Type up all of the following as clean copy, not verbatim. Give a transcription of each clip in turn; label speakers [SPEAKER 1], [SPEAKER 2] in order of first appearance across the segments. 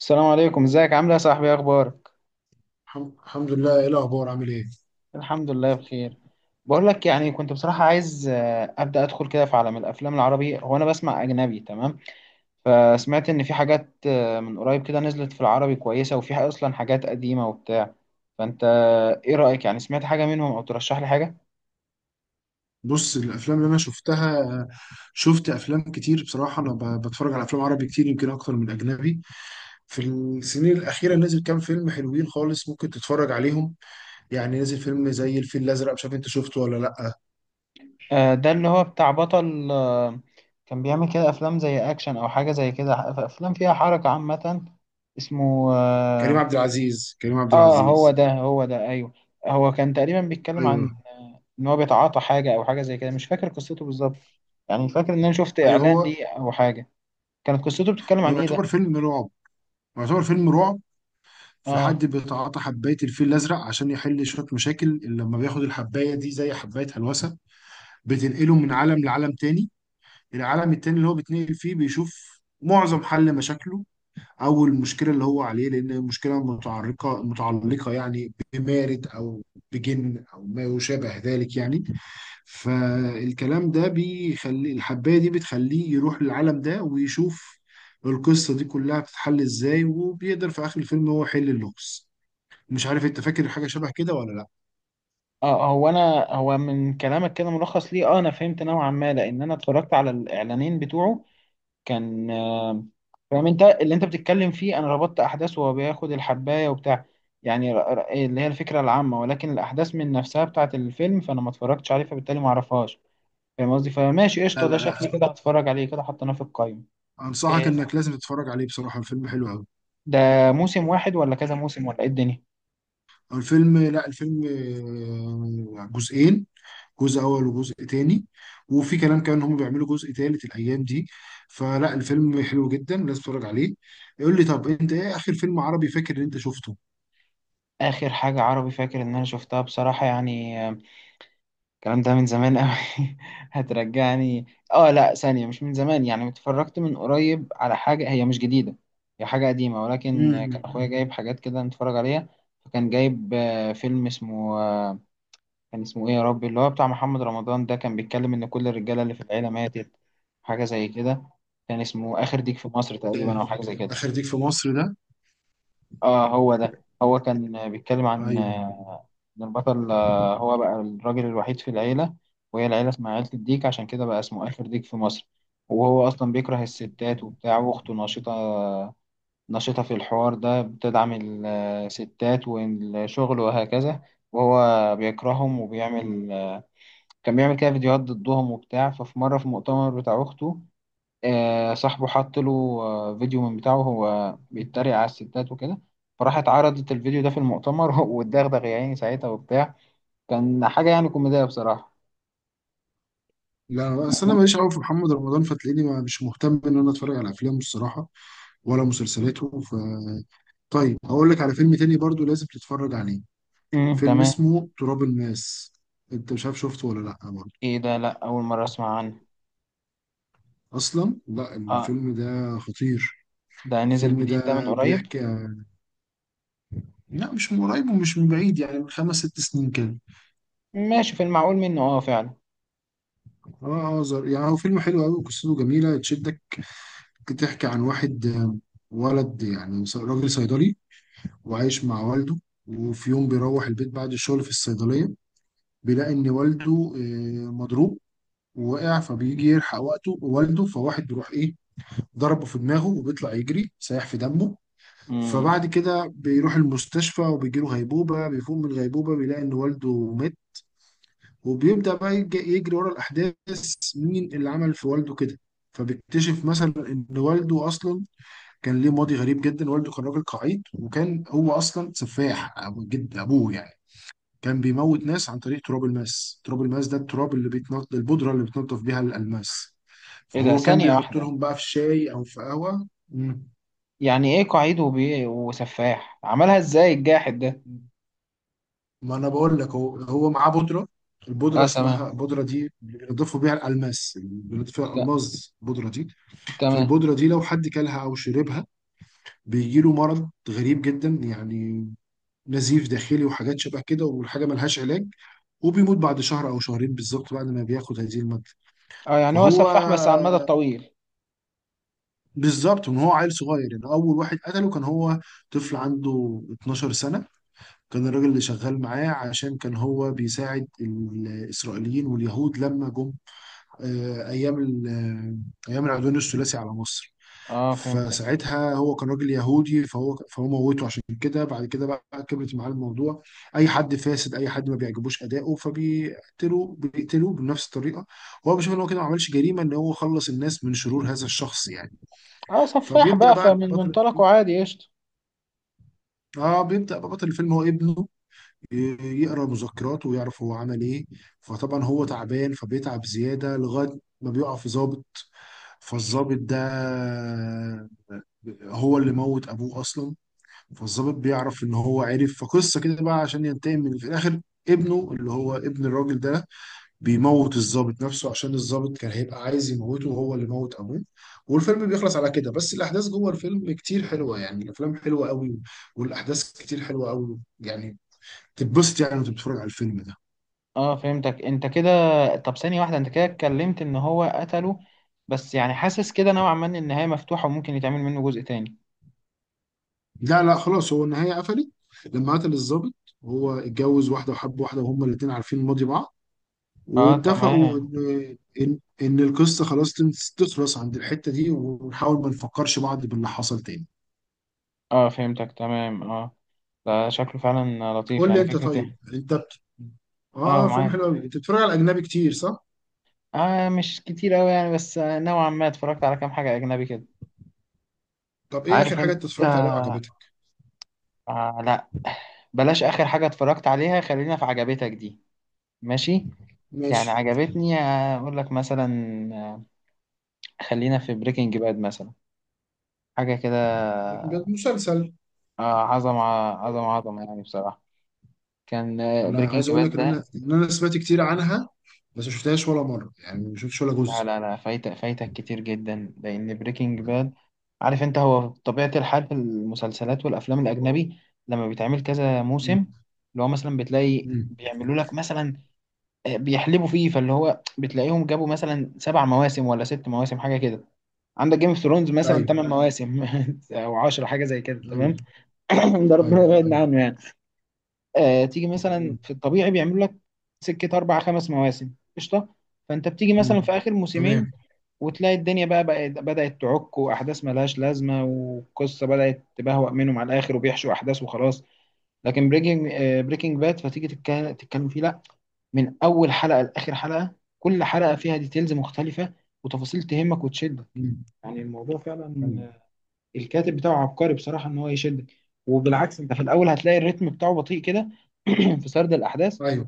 [SPEAKER 1] السلام عليكم، ازيك، عامل ايه يا صاحبي؟ ايه اخبارك؟
[SPEAKER 2] الحمد لله، ايه الاخبار؟ عامل ايه؟
[SPEAKER 1] الحمد لله بخير. بقول لك، يعني كنت بصراحة عايز ابدا ادخل كده في عالم الافلام العربي. هو انا بسمع اجنبي، تمام؟ فسمعت ان في حاجات من قريب كده نزلت في العربي كويسة، وفي اصلا حاجات قديمة وبتاع. فانت ايه رأيك؟ يعني سمعت حاجة منهم او ترشح لي حاجة؟
[SPEAKER 2] بص، الافلام اللي انا شفتها، شفت افلام كتير بصراحه. انا بتفرج على افلام عربي كتير، يمكن اكتر من اجنبي. في السنين الاخيره نزل كام فيلم حلوين خالص، ممكن تتفرج عليهم. يعني نزل فيلم زي الفيل الازرق، مش عارف انت شفته ولا لا.
[SPEAKER 1] ده اللي هو بتاع بطل. كان بيعمل كده افلام زي اكشن او حاجة زي كده، افلام فيها حركة عامة. اسمه
[SPEAKER 2] كريم
[SPEAKER 1] آه،
[SPEAKER 2] عبد العزيز كريم عبد
[SPEAKER 1] اه، هو
[SPEAKER 2] العزيز
[SPEAKER 1] ده هو ده، ايوه. هو كان تقريبا بيتكلم
[SPEAKER 2] ايوه،
[SPEAKER 1] عن ان هو بيتعاطى حاجه او حاجه زي كده، مش فاكر قصته بالظبط. يعني فاكر ان انا شفت
[SPEAKER 2] ايوه،
[SPEAKER 1] اعلان
[SPEAKER 2] هو
[SPEAKER 1] ليه او حاجه. كانت قصته بتتكلم
[SPEAKER 2] هو
[SPEAKER 1] عن ايه ده؟
[SPEAKER 2] يعتبر فيلم رعب. في
[SPEAKER 1] اه.
[SPEAKER 2] حد بيتعاطى حباية الفيل الأزرق عشان يحل شوية مشاكل. لما بياخد الحباية دي، زي حباية هلوسة، بتنقله من عالم لعالم تاني. العالم التاني اللي هو بيتنقل فيه بيشوف معظم حل مشاكله، او المشكله اللي هو عليه، لان المشكله متعلقه يعني بمارد او بجن او ما يشابه ذلك يعني. فالكلام ده بيخلي الحبايه دي بتخليه يروح للعالم ده ويشوف القصه دي كلها بتتحل ازاي، وبيقدر في اخر الفيلم هو يحل اللغز. مش عارف انت فاكر حاجه شبه كده ولا لا.
[SPEAKER 1] اه، هو انا هو من كلامك كده ملخص ليه، اه انا فهمت نوعا ما، لان انا اتفرجت على الاعلانين بتوعه. كان فاهم انت اللي انت بتتكلم فيه. انا ربطت احداث، وهو بياخد الحبايه وبتاع، يعني إيه اللي هي الفكره العامه. ولكن الاحداث من نفسها بتاعت الفيلم فانا ما اتفرجتش عليه، فبالتالي ما اعرفهاش. فاهم قصدي؟ فماشي،
[SPEAKER 2] لا،
[SPEAKER 1] قشطة،
[SPEAKER 2] لا،
[SPEAKER 1] ده
[SPEAKER 2] لا،
[SPEAKER 1] شكلي كده هتفرج عليه، كده حطيناه في القايمة.
[SPEAKER 2] انصحك
[SPEAKER 1] إيه
[SPEAKER 2] انك لازم تتفرج عليه، بصراحه الفيلم حلو قوي.
[SPEAKER 1] ده، موسم واحد ولا كذا موسم ولا إيه الدنيا؟
[SPEAKER 2] الفيلم، لا، الفيلم، جزئين. جزء اول وجزء تاني. وفي كلام كمان ان هم بيعملوا جزء تالت الايام دي. فلا، الفيلم حلو جدا، لازم تتفرج عليه. يقول لي طب انت ايه اخر فيلم عربي فاكر ان انت شفته؟
[SPEAKER 1] آخر حاجة عربي فاكر إن أنا شفتها بصراحة يعني… الكلام ده من زمان أوي. هترجعني. آه لأ، ثانية، مش من زمان. يعني اتفرجت من قريب على حاجة هي مش جديدة، هي حاجة قديمة، ولكن كان
[SPEAKER 2] امم،
[SPEAKER 1] أخويا جايب حاجات كده نتفرج عليها. فكان جايب فيلم اسمه… كان اسمه ايه يا ربي؟ اللي هو بتاع محمد رمضان ده، كان بيتكلم ان كل الرجاله اللي في العيله ماتت، حاجه زي كده. كان اسمه اخر ديك في مصر
[SPEAKER 2] ده
[SPEAKER 1] تقريبا، او حاجه زي كده.
[SPEAKER 2] اخر ديك في مصر ده؟
[SPEAKER 1] اه، هو ده. هو كان بيتكلم عن
[SPEAKER 2] ايوه.
[SPEAKER 1] ان البطل هو بقى الراجل الوحيد في العيله، وهي العيله اسمها عيله الديك، عشان كده بقى اسمه اخر ديك في مصر. وهو اصلا بيكره الستات وبتاع، واخته نشيطه، نشيطه في الحوار ده، بتدعم الستات والشغل وهكذا. وهو بيكرههم وبيعمل، كان بيعمل كده فيديوهات ضدهم وبتاع. ففي مرة في مؤتمر بتاع أخته، صاحبه حط له فيديو من بتاعه، وهو بيتريق على الستات وكده. فراح اتعرضت الفيديو ده في المؤتمر، واتدغدغ يا عيني ساعتها وبتاع. كان حاجة يعني كوميدية بصراحة.
[SPEAKER 2] لا، اصل انا ماليش قوي في محمد رمضان، فتلاقيني مش مهتم ان انا اتفرج على افلامه الصراحه، ولا مسلسلاته. ف طيب هقول لك على فيلم تاني برضو لازم تتفرج عليه.
[SPEAKER 1] امم،
[SPEAKER 2] فيلم
[SPEAKER 1] تمام.
[SPEAKER 2] اسمه تراب الماس، انت مش عارف، شفته ولا لا برضه؟
[SPEAKER 1] ايه ده، لا أول مرة أسمع عنه.
[SPEAKER 2] اصلا لا،
[SPEAKER 1] اه،
[SPEAKER 2] الفيلم ده خطير.
[SPEAKER 1] ده نزل
[SPEAKER 2] الفيلم ده
[SPEAKER 1] جديد، ده من قريب؟
[SPEAKER 2] بيحكي، لا مش من قريب ومش من بعيد، يعني من خمس ست سنين كده.
[SPEAKER 1] ماشي، في المعقول منه، اه فعلا.
[SPEAKER 2] اه، اه، يعني هو فيلم حلو قوي، قصته جميله تشدك. بتحكي عن واحد، ولد، يعني راجل صيدلي، وعايش مع والده. وفي يوم بيروح البيت بعد الشغل في الصيدليه، بيلاقي ان والده مضروب ووقع. فبيجي يلحق وقته والده، فواحد بيروح ايه، ضربه في دماغه وبيطلع يجري سايح في دمه.
[SPEAKER 1] امم.
[SPEAKER 2] فبعد كده بيروح المستشفى وبيجيله غيبوبة. بيفوق من الغيبوبة بيلاقي إن والده مات. وبيبدأ بقى يجري ورا الأحداث، مين اللي عمل في والده كده. فبيكتشف مثلا إن والده أصلا كان ليه ماضي غريب جدا، والده كان راجل قعيد وكان هو أصلا سفاح. أبو جد أبوه يعني كان بيموت ناس عن طريق تراب الماس. تراب الماس ده التراب اللي بيتنض، البودرة اللي بتنضف بيها الألماس.
[SPEAKER 1] ايه ده،
[SPEAKER 2] فهو كان
[SPEAKER 1] ثانية
[SPEAKER 2] بيحط
[SPEAKER 1] واحدة،
[SPEAKER 2] لهم بقى في شاي أو في قهوة.
[SPEAKER 1] يعني ايه قعيد وسفاح؟ عملها ازاي الجاحد ده؟
[SPEAKER 2] ما انا بقول لك، هو معاه بودره. البودره
[SPEAKER 1] اه، تمام.
[SPEAKER 2] اسمها، البودره دي بينضفوا بيها الالماس، بينضيف فيها
[SPEAKER 1] ت...
[SPEAKER 2] الالماس البودره دي.
[SPEAKER 1] تمام.
[SPEAKER 2] فالبودره دي لو حد كلها او شربها، بيجي له مرض غريب جدا يعني، نزيف داخلي وحاجات شبه كده، والحاجه ملهاش علاج. وبيموت بعد شهر او شهرين بالظبط بعد ما بياخد هذه الماده.
[SPEAKER 1] اه، يعني هو
[SPEAKER 2] فهو
[SPEAKER 1] سفاح بس على المدى الطويل.
[SPEAKER 2] بالظبط من هو عيل صغير، يعني اول واحد قتله كان هو طفل عنده 12 سنه. كان الراجل اللي شغال معاه، عشان كان هو بيساعد الإسرائيليين واليهود لما جم أيام أيام العدوان الثلاثي على مصر.
[SPEAKER 1] اه، فهمتك.
[SPEAKER 2] فساعتها هو كان راجل يهودي، فهو موته. عشان كده بعد كده بقى كبرت معاه الموضوع، أي حد فاسد، أي حد ما بيعجبوش أداؤه فبيقتلوه، بيقتلوه بنفس الطريقة. هو بيشوف إن هو كده ما عملش جريمة، إن هو خلص الناس من شرور هذا الشخص يعني.
[SPEAKER 1] اه، سفاح
[SPEAKER 2] فبيبدأ
[SPEAKER 1] بقى،
[SPEAKER 2] بقى
[SPEAKER 1] فمن
[SPEAKER 2] بطل الفيلم،
[SPEAKER 1] منطلقه عادي، قشطة.
[SPEAKER 2] اه بيبدأ بقى بطل الفيلم هو ابنه، يقرا مذكراته ويعرف هو عمل ايه. فطبعا هو تعبان، فبيتعب زياده لغايه ما بيقع في ضابط. فالضابط ده هو اللي موت ابوه اصلا. فالضابط بيعرف ان هو عرف فقصه كده بقى، عشان ينتقم من في الاخر ابنه اللي هو ابن الراجل ده، بيموت الضابط نفسه، عشان الضابط كان هيبقى عايز يموته وهو اللي موت ابوه. والفيلم بيخلص على كده. بس الاحداث جوه الفيلم كتير حلوه يعني، الافلام حلوه قوي، والاحداث كتير حلوه قوي يعني، تتبسط يعني وانت بتتفرج على الفيلم ده.
[SPEAKER 1] اه، فهمتك انت كده. طب ثانية واحدة، انت كده اتكلمت ان هو قتله، بس يعني حاسس كده نوعا ما ان النهاية مفتوحة وممكن يتعمل منه جزء تاني.
[SPEAKER 2] لا، لا، خلاص، هو النهاية قفلت. لما قتل الضابط، هو اتجوز واحدة وحب واحدة، وهما الاتنين عارفين ماضي بعض.
[SPEAKER 1] اه،
[SPEAKER 2] واتفقوا
[SPEAKER 1] تمام.
[SPEAKER 2] إن القصة خلاص تخلص عند الحتة دي، ونحاول ما نفكرش بعض باللي حصل تاني.
[SPEAKER 1] اه فهمتك، تمام، اه. ده شكله فعلا لطيف،
[SPEAKER 2] قول لي
[SPEAKER 1] يعني
[SPEAKER 2] أنت.
[SPEAKER 1] فكرة
[SPEAKER 2] طيب
[SPEAKER 1] ايه.
[SPEAKER 2] أنت
[SPEAKER 1] اه،
[SPEAKER 2] فيلم
[SPEAKER 1] معاك.
[SPEAKER 2] حلو أوي. أنت بتتفرج على أجنبي كتير صح؟
[SPEAKER 1] اه مش كتير اوي يعني، بس نوعا ما اتفرجت على كام حاجة اجنبي كده.
[SPEAKER 2] طب إيه آخر
[SPEAKER 1] عارف
[SPEAKER 2] حاجة
[SPEAKER 1] انت،
[SPEAKER 2] أنت اتفرجت عليها
[SPEAKER 1] آه
[SPEAKER 2] وعجبتك؟
[SPEAKER 1] لا، بلاش اخر حاجة اتفرجت عليها، خلينا في عجبتك دي. ماشي. يعني
[SPEAKER 2] ماشي.
[SPEAKER 1] عجبتني اقول لك مثلا، آه، خلينا في بريكنج باد مثلا، حاجه كده.
[SPEAKER 2] لكن ده مسلسل.
[SPEAKER 1] عظمه، عظمه عظمه يعني بصراحه. كان
[SPEAKER 2] أنا
[SPEAKER 1] بريكنج
[SPEAKER 2] عايز أقول لك
[SPEAKER 1] باد
[SPEAKER 2] إن أنا
[SPEAKER 1] ده،
[SPEAKER 2] سمعت كتير عنها، بس ما شفتهاش ولا مرة، يعني ما شفتش ولا
[SPEAKER 1] لا
[SPEAKER 2] جزء.
[SPEAKER 1] لا لا، فايتك فايتك كتير جدا، لان بريكنج باد، عارف انت هو طبيعه الحال في المسلسلات والافلام الاجنبي، لما بيتعمل كذا موسم،
[SPEAKER 2] مم.
[SPEAKER 1] اللي هو مثلا بتلاقي
[SPEAKER 2] مم.
[SPEAKER 1] بيعملوا لك مثلا بيحلبوا فيه. فاللي هو بتلاقيهم جابوا مثلا سبع مواسم ولا ست مواسم حاجه كده. عندك جيم اوف ثرونز مثلا
[SPEAKER 2] أيوه.
[SPEAKER 1] 8 مواسم او 10، حاجه زي كده، تمام.
[SPEAKER 2] أيوه.
[SPEAKER 1] ده ربنا
[SPEAKER 2] أيوه.
[SPEAKER 1] يبعدنا عنه يعني. تيجي مثلا
[SPEAKER 2] مم.
[SPEAKER 1] في الطبيعي بيعملوا لك سكه اربع خمس مواسم، قشطه. فانت بتيجي مثلا في
[SPEAKER 2] مم.
[SPEAKER 1] اخر موسمين
[SPEAKER 2] تمام.
[SPEAKER 1] وتلاقي الدنيا بقى بدات تعك، واحداث ملهاش لازمه، والقصه بدات تبهوأ منهم على الاخر، وبيحشوا احداث وخلاص. لكن بريكنج باد، فتيجي تتكلم فيه، لا، من اول حلقه لاخر حلقه، كل حلقه فيها ديتيلز مختلفه، وتفاصيل تهمك وتشدك.
[SPEAKER 2] مم.
[SPEAKER 1] يعني الموضوع
[SPEAKER 2] ايوه.
[SPEAKER 1] فعلا، الكاتب بتاعه عبقري بصراحة، ان هو يشدك. وبالعكس انت في الاول هتلاقي الريتم بتاعه بطيء كده في سرد الاحداث.
[SPEAKER 2] ايوه.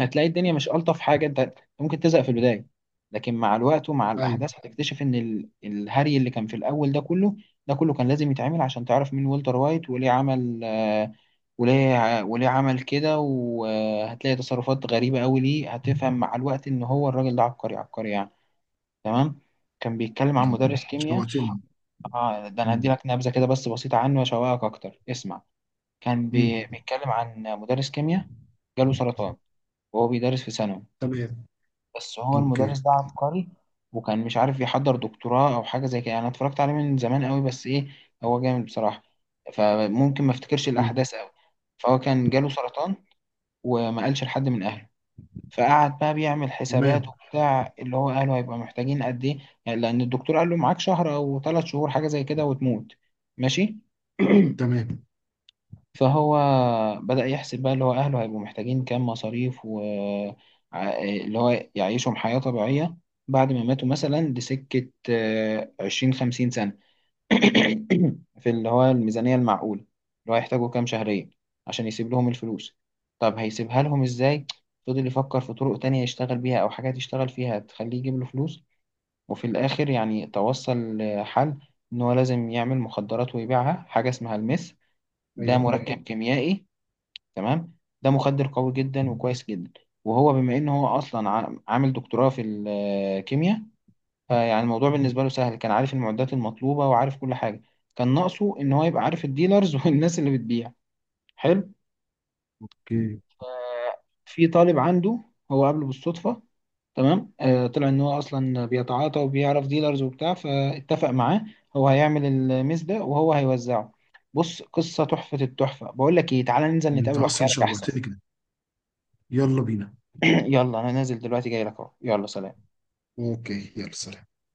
[SPEAKER 1] هتلاقي الدنيا مش الطف حاجة، انت ممكن تزهق في البداية. لكن مع الوقت ومع
[SPEAKER 2] ايوه.
[SPEAKER 1] الاحداث هتكتشف ان الهري اللي كان في الاول ده كله، ده كله كان لازم يتعمل عشان تعرف مين والتر وايت وليه عمل، وليه عمل كده. وهتلاقي تصرفات غريبة قوي، ليه هتفهم مع الوقت ان هو الراجل ده عبقري عبقري يعني. تمام. كان بيتكلم عن
[SPEAKER 2] مم.
[SPEAKER 1] مدرس كيمياء.
[SPEAKER 2] شوقتني.
[SPEAKER 1] اه، ده انا هدي
[SPEAKER 2] مم.
[SPEAKER 1] لك نبذه كده بس بسيطه عنه، واشوقك اكتر، اسمع. كان
[SPEAKER 2] مم.
[SPEAKER 1] بيتكلم عن مدرس كيمياء، جاله سرطان، وهو بيدرس في ثانوي.
[SPEAKER 2] تمام.
[SPEAKER 1] بس هو
[SPEAKER 2] اوكي.
[SPEAKER 1] المدرس ده عبقري، وكان مش عارف يحضر دكتوراه او حاجه زي كده، يعني انا اتفرجت عليه من زمان قوي، بس ايه، هو جامد بصراحه، فممكن ما افتكرش
[SPEAKER 2] مم.
[SPEAKER 1] الاحداث قوي. فهو كان جاله سرطان، وما قالش لحد من اهله. فقعد بقى بيعمل حسابات
[SPEAKER 2] تمام.
[SPEAKER 1] وبتاع، اللي هو قاله هيبقى محتاجين قد ايه، يعني لان الدكتور قال له معاك شهر او ثلاث شهور حاجه زي كده وتموت. ماشي.
[SPEAKER 2] تمام.
[SPEAKER 1] فهو بدأ يحسب بقى اللي هو اهله هيبقوا محتاجين كام مصاريف، و اللي هو يعيشهم حياه طبيعيه بعد ما ماتوا، مثلا لسكه 20 50 سنه، في اللي هو الميزانية المعقولة اللي هو هيحتاجوا كام شهريا، عشان يسيب لهم الفلوس. طب هيسيبها لهم ازاي؟ فضل يفكر في طرق تانية يشتغل بيها، أو حاجات يشتغل فيها تخليه يجيب له فلوس. وفي الآخر يعني توصل لحل إن هو لازم يعمل مخدرات ويبيعها، حاجة اسمها الميث، ده
[SPEAKER 2] ايوه.
[SPEAKER 1] مركب كيميائي، تمام؟ ده مخدر قوي جدا وكويس جدا. وهو بما إن هو أصلا عامل دكتوراه في الكيمياء، فيعني الموضوع بالنسبة له سهل، كان عارف المعدات المطلوبة وعارف كل حاجة. كان ناقصه إن هو يبقى عارف الديلرز والناس اللي بتبيع. حلو.
[SPEAKER 2] اوكي،
[SPEAKER 1] في طالب عنده هو قابله بالصدفة، تمام، آه طلع إن هو أصلا بيتعاطى وبيعرف ديلرز وبتاع، فاتفق معاه هو هيعمل الميز ده وهو هيوزعه. بص قصة تحفة، التحفة بقول لك إيه، تعالى ننزل
[SPEAKER 2] انت
[SPEAKER 1] نتقابل وأحكي
[SPEAKER 2] اصلا
[SPEAKER 1] لك أحسن.
[SPEAKER 2] شوقتني كده، يلا بينا.
[SPEAKER 1] يلا، أنا نازل دلوقتي جاي لك أهو، يلا سلام.
[SPEAKER 2] اوكي، يلا سلام.